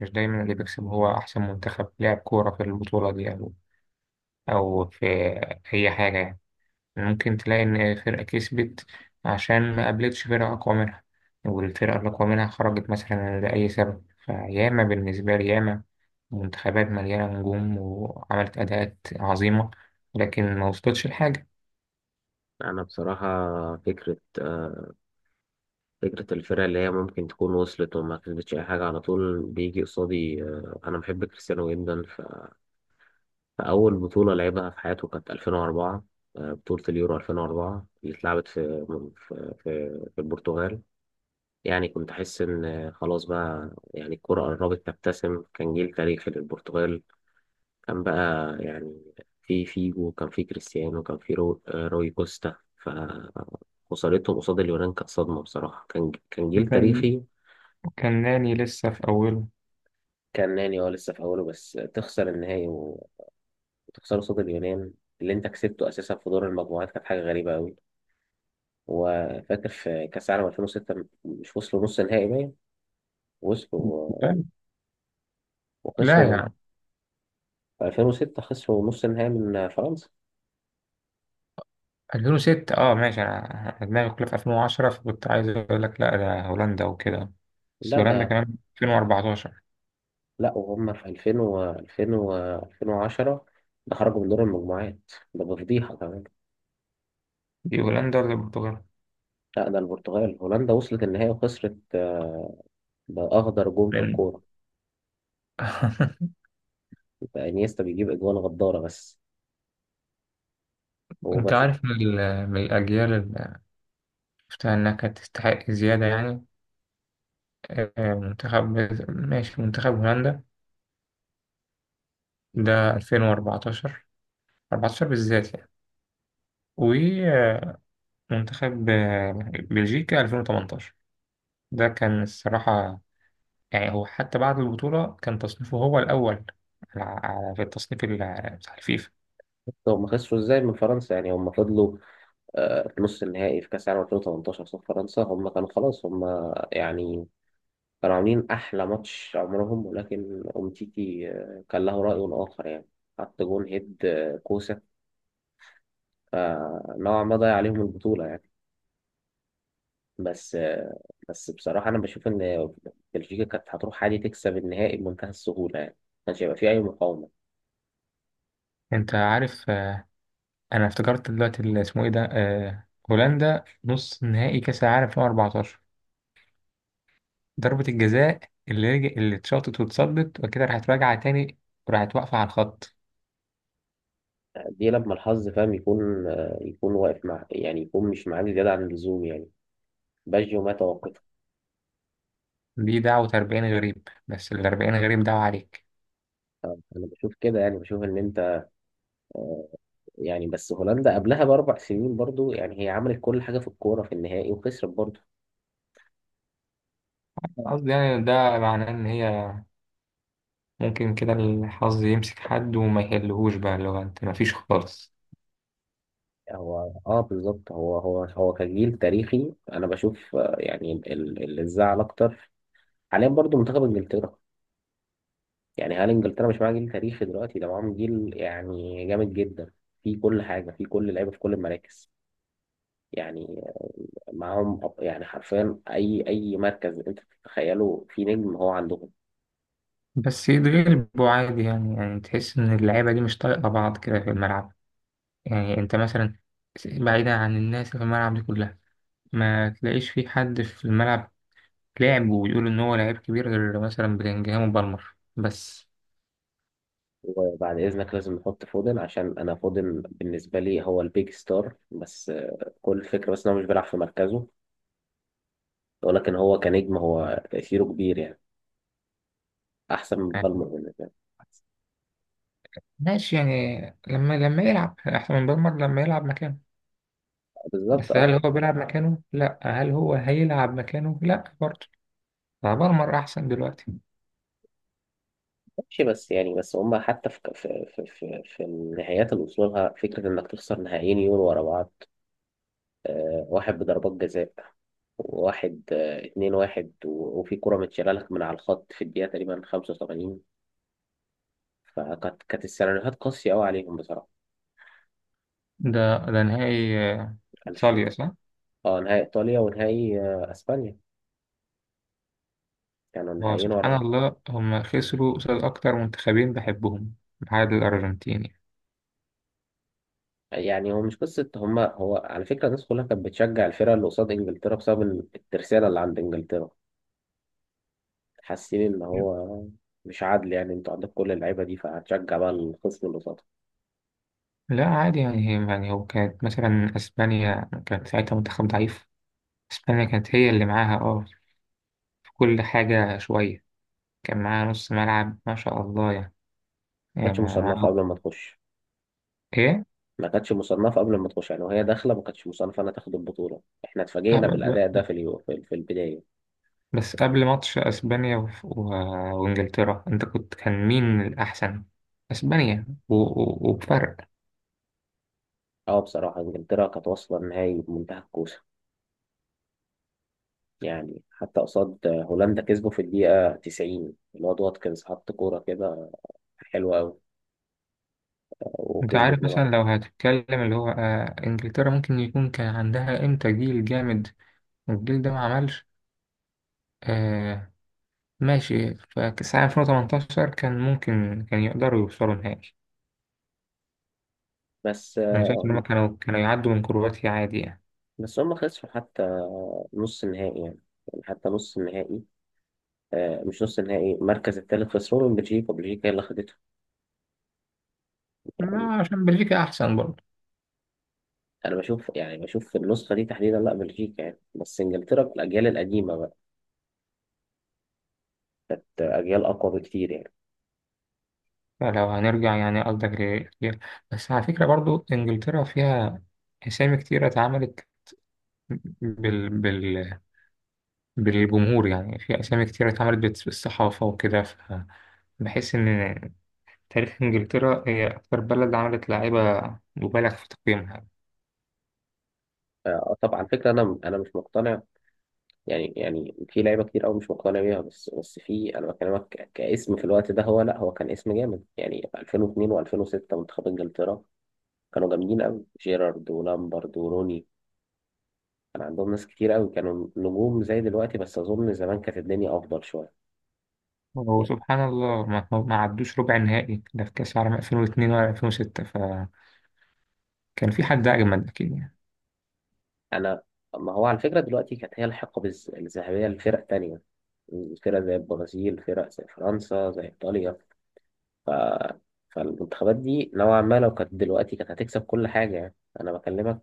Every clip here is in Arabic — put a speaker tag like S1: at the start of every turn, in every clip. S1: مش دايما اللي بيكسب هو أحسن منتخب لعب كورة في البطولة دي أو في أي حاجة يعني. ممكن تلاقي إن فرقة كسبت عشان ما قابلتش فرقة أقوى منها، والفرقة الأقوى منها خرجت مثلا لأي سبب. فياما بالنسبة لي، ياما منتخبات مليانة نجوم وعملت أداءات عظيمة لكن ما وصلتش لحاجة.
S2: انا بصراحه، فكره آه، فكره الفرق اللي هي ممكن تكون وصلت وما كسبتش اي حاجه على طول بيجي قصادي. انا بحب كريستيانو جدا، فاول بطوله لعبها في حياته كانت 2004. بطوله اليورو 2004 اللي اتلعبت في البرتغال. يعني كنت احس ان خلاص، بقى يعني الكره قربت تبتسم. كان جيل تاريخي للبرتغال. كان بقى، يعني، في فيجو، كان في كريستيانو، كان في رو... آه، روي كوستا. فخسارتهم قصاد اليونان كانت صدمة بصراحة. كان جيل
S1: وكان
S2: تاريخي.
S1: وكان ناني لسه في أوله.
S2: كان ناني اه لسه في أوله بس تخسر النهائي وتخسر قصاد اليونان اللي أنت كسبته أساسا في دور المجموعات كانت حاجة غريبة أوي وفاكر في كأس العالم 2006، مش وصلوا نص نهائي؟ باين وصلوا
S1: لا، لا
S2: وخسروا
S1: يا
S2: من،
S1: عم.
S2: في 2006 خسروا نص النهائي من فرنسا.
S1: 2006، اه ماشي، انا، أنا دماغي كلها في 2010، فكنت عايز اقول لك لا ده هولندا وكده. بس
S2: لا
S1: هولندا
S2: ده
S1: كمان 2014.
S2: لا وهم في 2000 و 2000 و 2010، ده خرجوا من دور المجموعات، ده بفضيحة كمان.
S1: دي هولندا ولا البرتغال؟
S2: لا ده البرتغال. هولندا وصلت النهائي وخسرت، بأخضر جون في
S1: لأن-
S2: الكورة. ده انيستا بيجيب أجوان غدارة بس، هو
S1: انت
S2: ماشي.
S1: عارف من الاجيال اللي شفتها انها كانت تستحق زياده يعني. منتخب، ماشي، منتخب هولندا ده 2014، 14 بالذات يعني. ومنتخب بلجيكا 2018، ده كان الصراحه. يعني هو حتى بعد البطولة كان تصنيفه هو الأول، على في التصنيف بتاع الفيفا.
S2: هم خسروا ازاي من فرنسا؟ يعني هم فضلوا، في نص النهائي في كأس العالم 2018 قصاد فرنسا، هم كانوا خلاص، هم يعني كانوا عاملين أحلى ماتش عمرهم. ولكن أومتيتي كان له رأي آخر يعني، حط جون هيد، كوسة، فنوعا ما ضيع عليهم البطولة يعني. بس بس بصراحة أنا بشوف إن بلجيكا كانت هتروح عادي تكسب النهائي بمنتهى السهولة يعني، كانش هيبقى فيه أي مقاومة.
S1: أنت عارف، أنا افتكرت دلوقتي اللي اسمه إيه ده، هولندا نص نهائي كأس العالم 2014، ضربة الجزاء اللي اتشاطت واتصدت وكده راحت راجعة تاني، وراحت واقفة على الخط.
S2: دي لما الحظ فاهم يكون، يكون واقف مع، يعني يكون مش معاك زيادة عن اللزوم يعني. باجيو ما توقفه.
S1: دي دعوة 40 غريب، بس ال 40 غريب دعوة عليك.
S2: أنا بشوف كده، يعني بشوف إن أنت، يعني بس هولندا قبلها بـ4 سنين برضو، يعني هي عملت كل حاجة في الكورة في النهائي وخسرت برضو.
S1: أنا قصدي يعني ده معناه إن هي ممكن كده الحظ يمسك حد وما يحلهوش، بقى اللي هو أنت مفيش خالص.
S2: هو اه بالظبط، هو كجيل تاريخي أنا بشوف. يعني اللي زعل أكتر حاليا برضو منتخب إنجلترا. يعني هل انجلترا مش معاها جيل تاريخي دلوقتي؟ ده معاهم جيل يعني جامد جدا في كل حاجه، في كل لعيبه، في كل المراكز يعني. معاهم يعني حرفيا اي مركز انت تتخيله، في نجم هو عندهم.
S1: بس يتغلبوا عادي يعني، يعني تحس إن اللعيبة دي مش طايقة بعض كده في الملعب. يعني أنت مثلا، بعيدا عن الناس اللي في الملعب دي كلها، ما تلاقيش في حد في الملعب لعب ويقول إن هو لعيب كبير، غير مثلا بلينجهام وبالمر بس.
S2: وبعد اذنك لازم نحط فودن، عشان انا فودن بالنسبه لي هو البيج ستار. بس كل الفكره بس ان هو مش بيلعب في مركزه، ولكن هو كنجم، هو تاثيره كبير يعني، احسن من
S1: يعني
S2: بالمر بالنسبه لي.
S1: ماشي يعني، لما يلعب أحسن من بالمر لما يلعب مكانه.
S2: بالظبط
S1: بس هل
S2: اه.
S1: هو بيلعب مكانه؟ لأ. هل هو هيلعب مكانه؟ لأ برضه. فبالمر أحسن دلوقتي.
S2: ماشي بس يعني، بس هما حتى في النهايات اللي وصلوا لها، فكرة إنك تخسر نهائيين يورو ورا بعض، واحد بضربات جزاء، وواحد 2-1، وفي كرة متشالة لك من على الخط في الدقيقة تقريبا 85، فكانت كانت السيناريوهات قاسية أوي عليهم بصراحة.
S1: ده نهائي
S2: ألف.
S1: صالية، صح؟
S2: اه نهائي إيطاليا، ونهائي أسبانيا، كانوا
S1: هو
S2: نهائيين ورا
S1: سبحان
S2: بعض.
S1: الله هم خسروا قصاد أكتر منتخبين بحبهم بعد الأرجنتين.
S2: يعني هو مش قصة هما، هو على فكرة الناس كلها كانت بتشجع الفرقة اللي قصاد إنجلترا، بسبب الترسانة اللي عند إنجلترا، حاسين ان
S1: يعني.
S2: هو مش عادل، يعني انتوا عندك كل اللعيبه دي فهتشجع بقى الخصم اللي قصادك.
S1: لا عادي يعني، هي يعني، هو كانت مثلا أسبانيا كانت ساعتها منتخب ضعيف. أسبانيا كانت هي اللي معاها اه في كل حاجة شوية. كان معاها نص ملعب ما شاء الله يعني.
S2: ما
S1: يعني
S2: كانتش مصنفه
S1: معاهم.
S2: قبل ما تخش.
S1: إيه؟
S2: يعني وهي داخله ما كانتش مصنفه انها تاخد البطوله، احنا
S1: آه،
S2: اتفاجئنا
S1: ب-
S2: بالاداء ده
S1: ب-
S2: في اليو- في في البدايه.
S1: بس قبل ماتش أسبانيا وإنجلترا، أنت كنت كان مين الأحسن؟ أسبانيا وبفرق.
S2: اه بصراحه انجلترا كانت واصله النهائي بمنتهى الكوسه يعني. حتى قصاد هولندا كسبوا في الدقيقه 90، الواد واتكنز حط كوره كده حلوه قوي،
S1: انت
S2: وكسبوا
S1: عارف
S2: 2-1.
S1: مثلا لو هتتكلم اللي هو آه انجلترا، ممكن يكون كان عندها امتى جيل جامد والجيل ده ما عملش. آه ماشي. فكأس العالم 2018 كان ممكن كان يقدروا يوصلوا نهائي.
S2: بس
S1: انا شايف ان هم
S2: آه،
S1: كانوا يعدوا من كرواتيا عادي يعني.
S2: بس هم خسروا حتى نص النهائي يعني حتى نص النهائي، مش نص النهائي، المركز الثالث، خسروا من بلجيكا. بلجيكا هي اللي خدتها.
S1: ما عشان بلجيكا احسن برضه.
S2: انا بشوف يعني، بشوف في النسخه دي تحديدا لا بلجيكا يعني، بس انجلترا في الاجيال القديمه بقت اجيال اقوى بكتير يعني.
S1: فلو هنرجع يعني قصدك بس على فكرة برضه انجلترا فيها اسامي كتيرة اتعملت بال... بال... بالجمهور، يعني في اسامي كتيرة اتعملت بالصحافة وكده بحس ان تاريخ إنجلترا هي أكتر بلد عملت لاعيبة مبالغ في تقييمها.
S2: طبعا فكره، انا مش مقتنع يعني في لعيبه كتير قوي مش مقتنع بيها، بس في، انا بكلمك كاسم في الوقت ده، هو لا، هو كان اسم جامد يعني. 2002 و2006 منتخب انجلترا كانوا جامدين قوي، جيرارد ولامبرد وروني. كان عندهم ناس كتير قوي كانوا نجوم زي دلوقتي، بس اظن زمان كانت الدنيا افضل شويه يعني.
S1: وسبحان الله ما عدوش ربع النهائي ده في كأس العالم 2002 ولا 2006، فكان في حد أجمد أكيد يعني.
S2: انا ما هو على فكره دلوقتي كانت هي الحقبه الذهبيه لفرق تانية. فرق زي البرازيل، فرق زي فرنسا، زي ايطاليا. ف... فالمنتخبات دي نوعا ما لو كانت دلوقتي كانت هتكسب كل حاجه يعني. انا بكلمك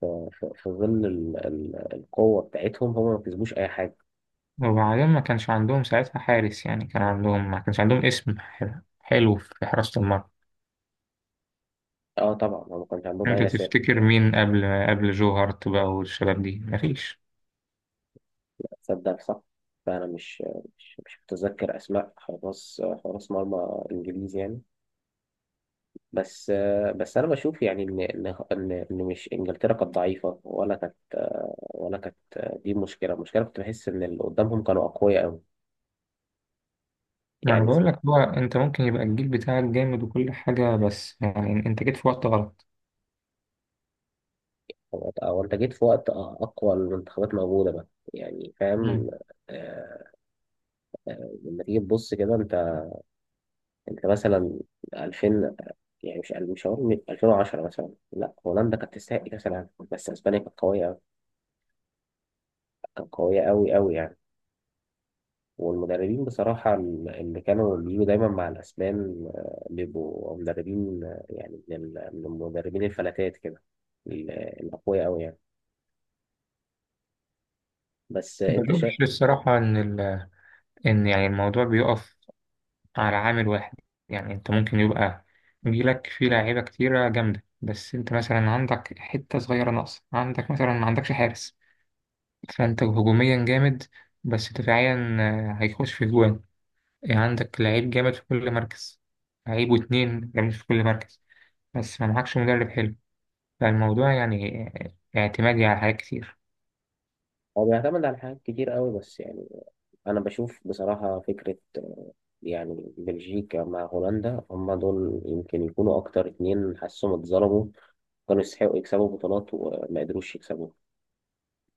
S2: في، في في ظل القوه بتاعتهم، هم ما كسبوش اي حاجه.
S1: وبعدين ما كانش عندهم ساعتها حارس يعني، كان عندهم، ما كانش عندهم اسم حلو في حراسة المرمى.
S2: اه طبعا هم ما كانش عندهم
S1: أنت
S2: اي اسامي.
S1: تفتكر مين قبل جو هارت بقى والشباب دي؟ مفيش.
S2: تصدق صح. فانا مش، مش متذكر اسماء حراس، حراس مرمى انجليزي يعني. بس بس انا بشوف يعني ان ان ان إن مش انجلترا كانت ضعيفه، ولا كانت، ولا كانت، دي مشكله. المشكله كنت بحس ان اللي قدامهم كانوا اقوياء قوي
S1: ما أنا
S2: يعني.
S1: بقول لك هو، أنت ممكن يبقى الجيل بتاعك جامد وكل حاجة بس يعني أنت جيت في وقت غلط.
S2: هو هو انت جيت في وقت اقوى المنتخبات موجوده بقى، يعني
S1: مم.
S2: فاهم. آه، لما تيجي تبص كده انت، انت مثلا 2000، يعني مش هقول 2010 مثلا، لا هولندا كانت تستحق كاس العالم، بس اسبانيا كانت قويه، كانت قويه قوي قوي يعني. والمدربين بصراحة اللي كانوا بيجوا دايما مع الأسبان، بيبقوا مدربين، يعني من من المدربين الفلاتات كده، الأقوياء أوي يعني. بس أنت
S1: بشوف
S2: شايف.
S1: الصراحة إن، ان يعني الموضوع بيقف على عامل واحد. يعني انت ممكن يبقى جيلك فيه لاعيبه كتيره جامده، بس انت مثلا عندك حته صغيره ناقصه، عندك مثلا ما عندكش حارس. فانت هجوميا جامد بس دفاعيا هيخش في جوان. يعني عندك لعيب جامد في كل مركز، لعيب واتنين جامد في كل مركز بس ما معكش مدرب حلو. فالموضوع يعني اعتمادي على حاجات كتير.
S2: هو بيعتمد على حاجات كتير أوي، بس يعني أنا بشوف بصراحة فكرة، يعني بلجيكا مع هولندا هما دول يمكن يكونوا أكتر اتنين حاسهم اتظلموا، كانوا يستحقوا يكسبوا بطولات وما قدروش يكسبوا.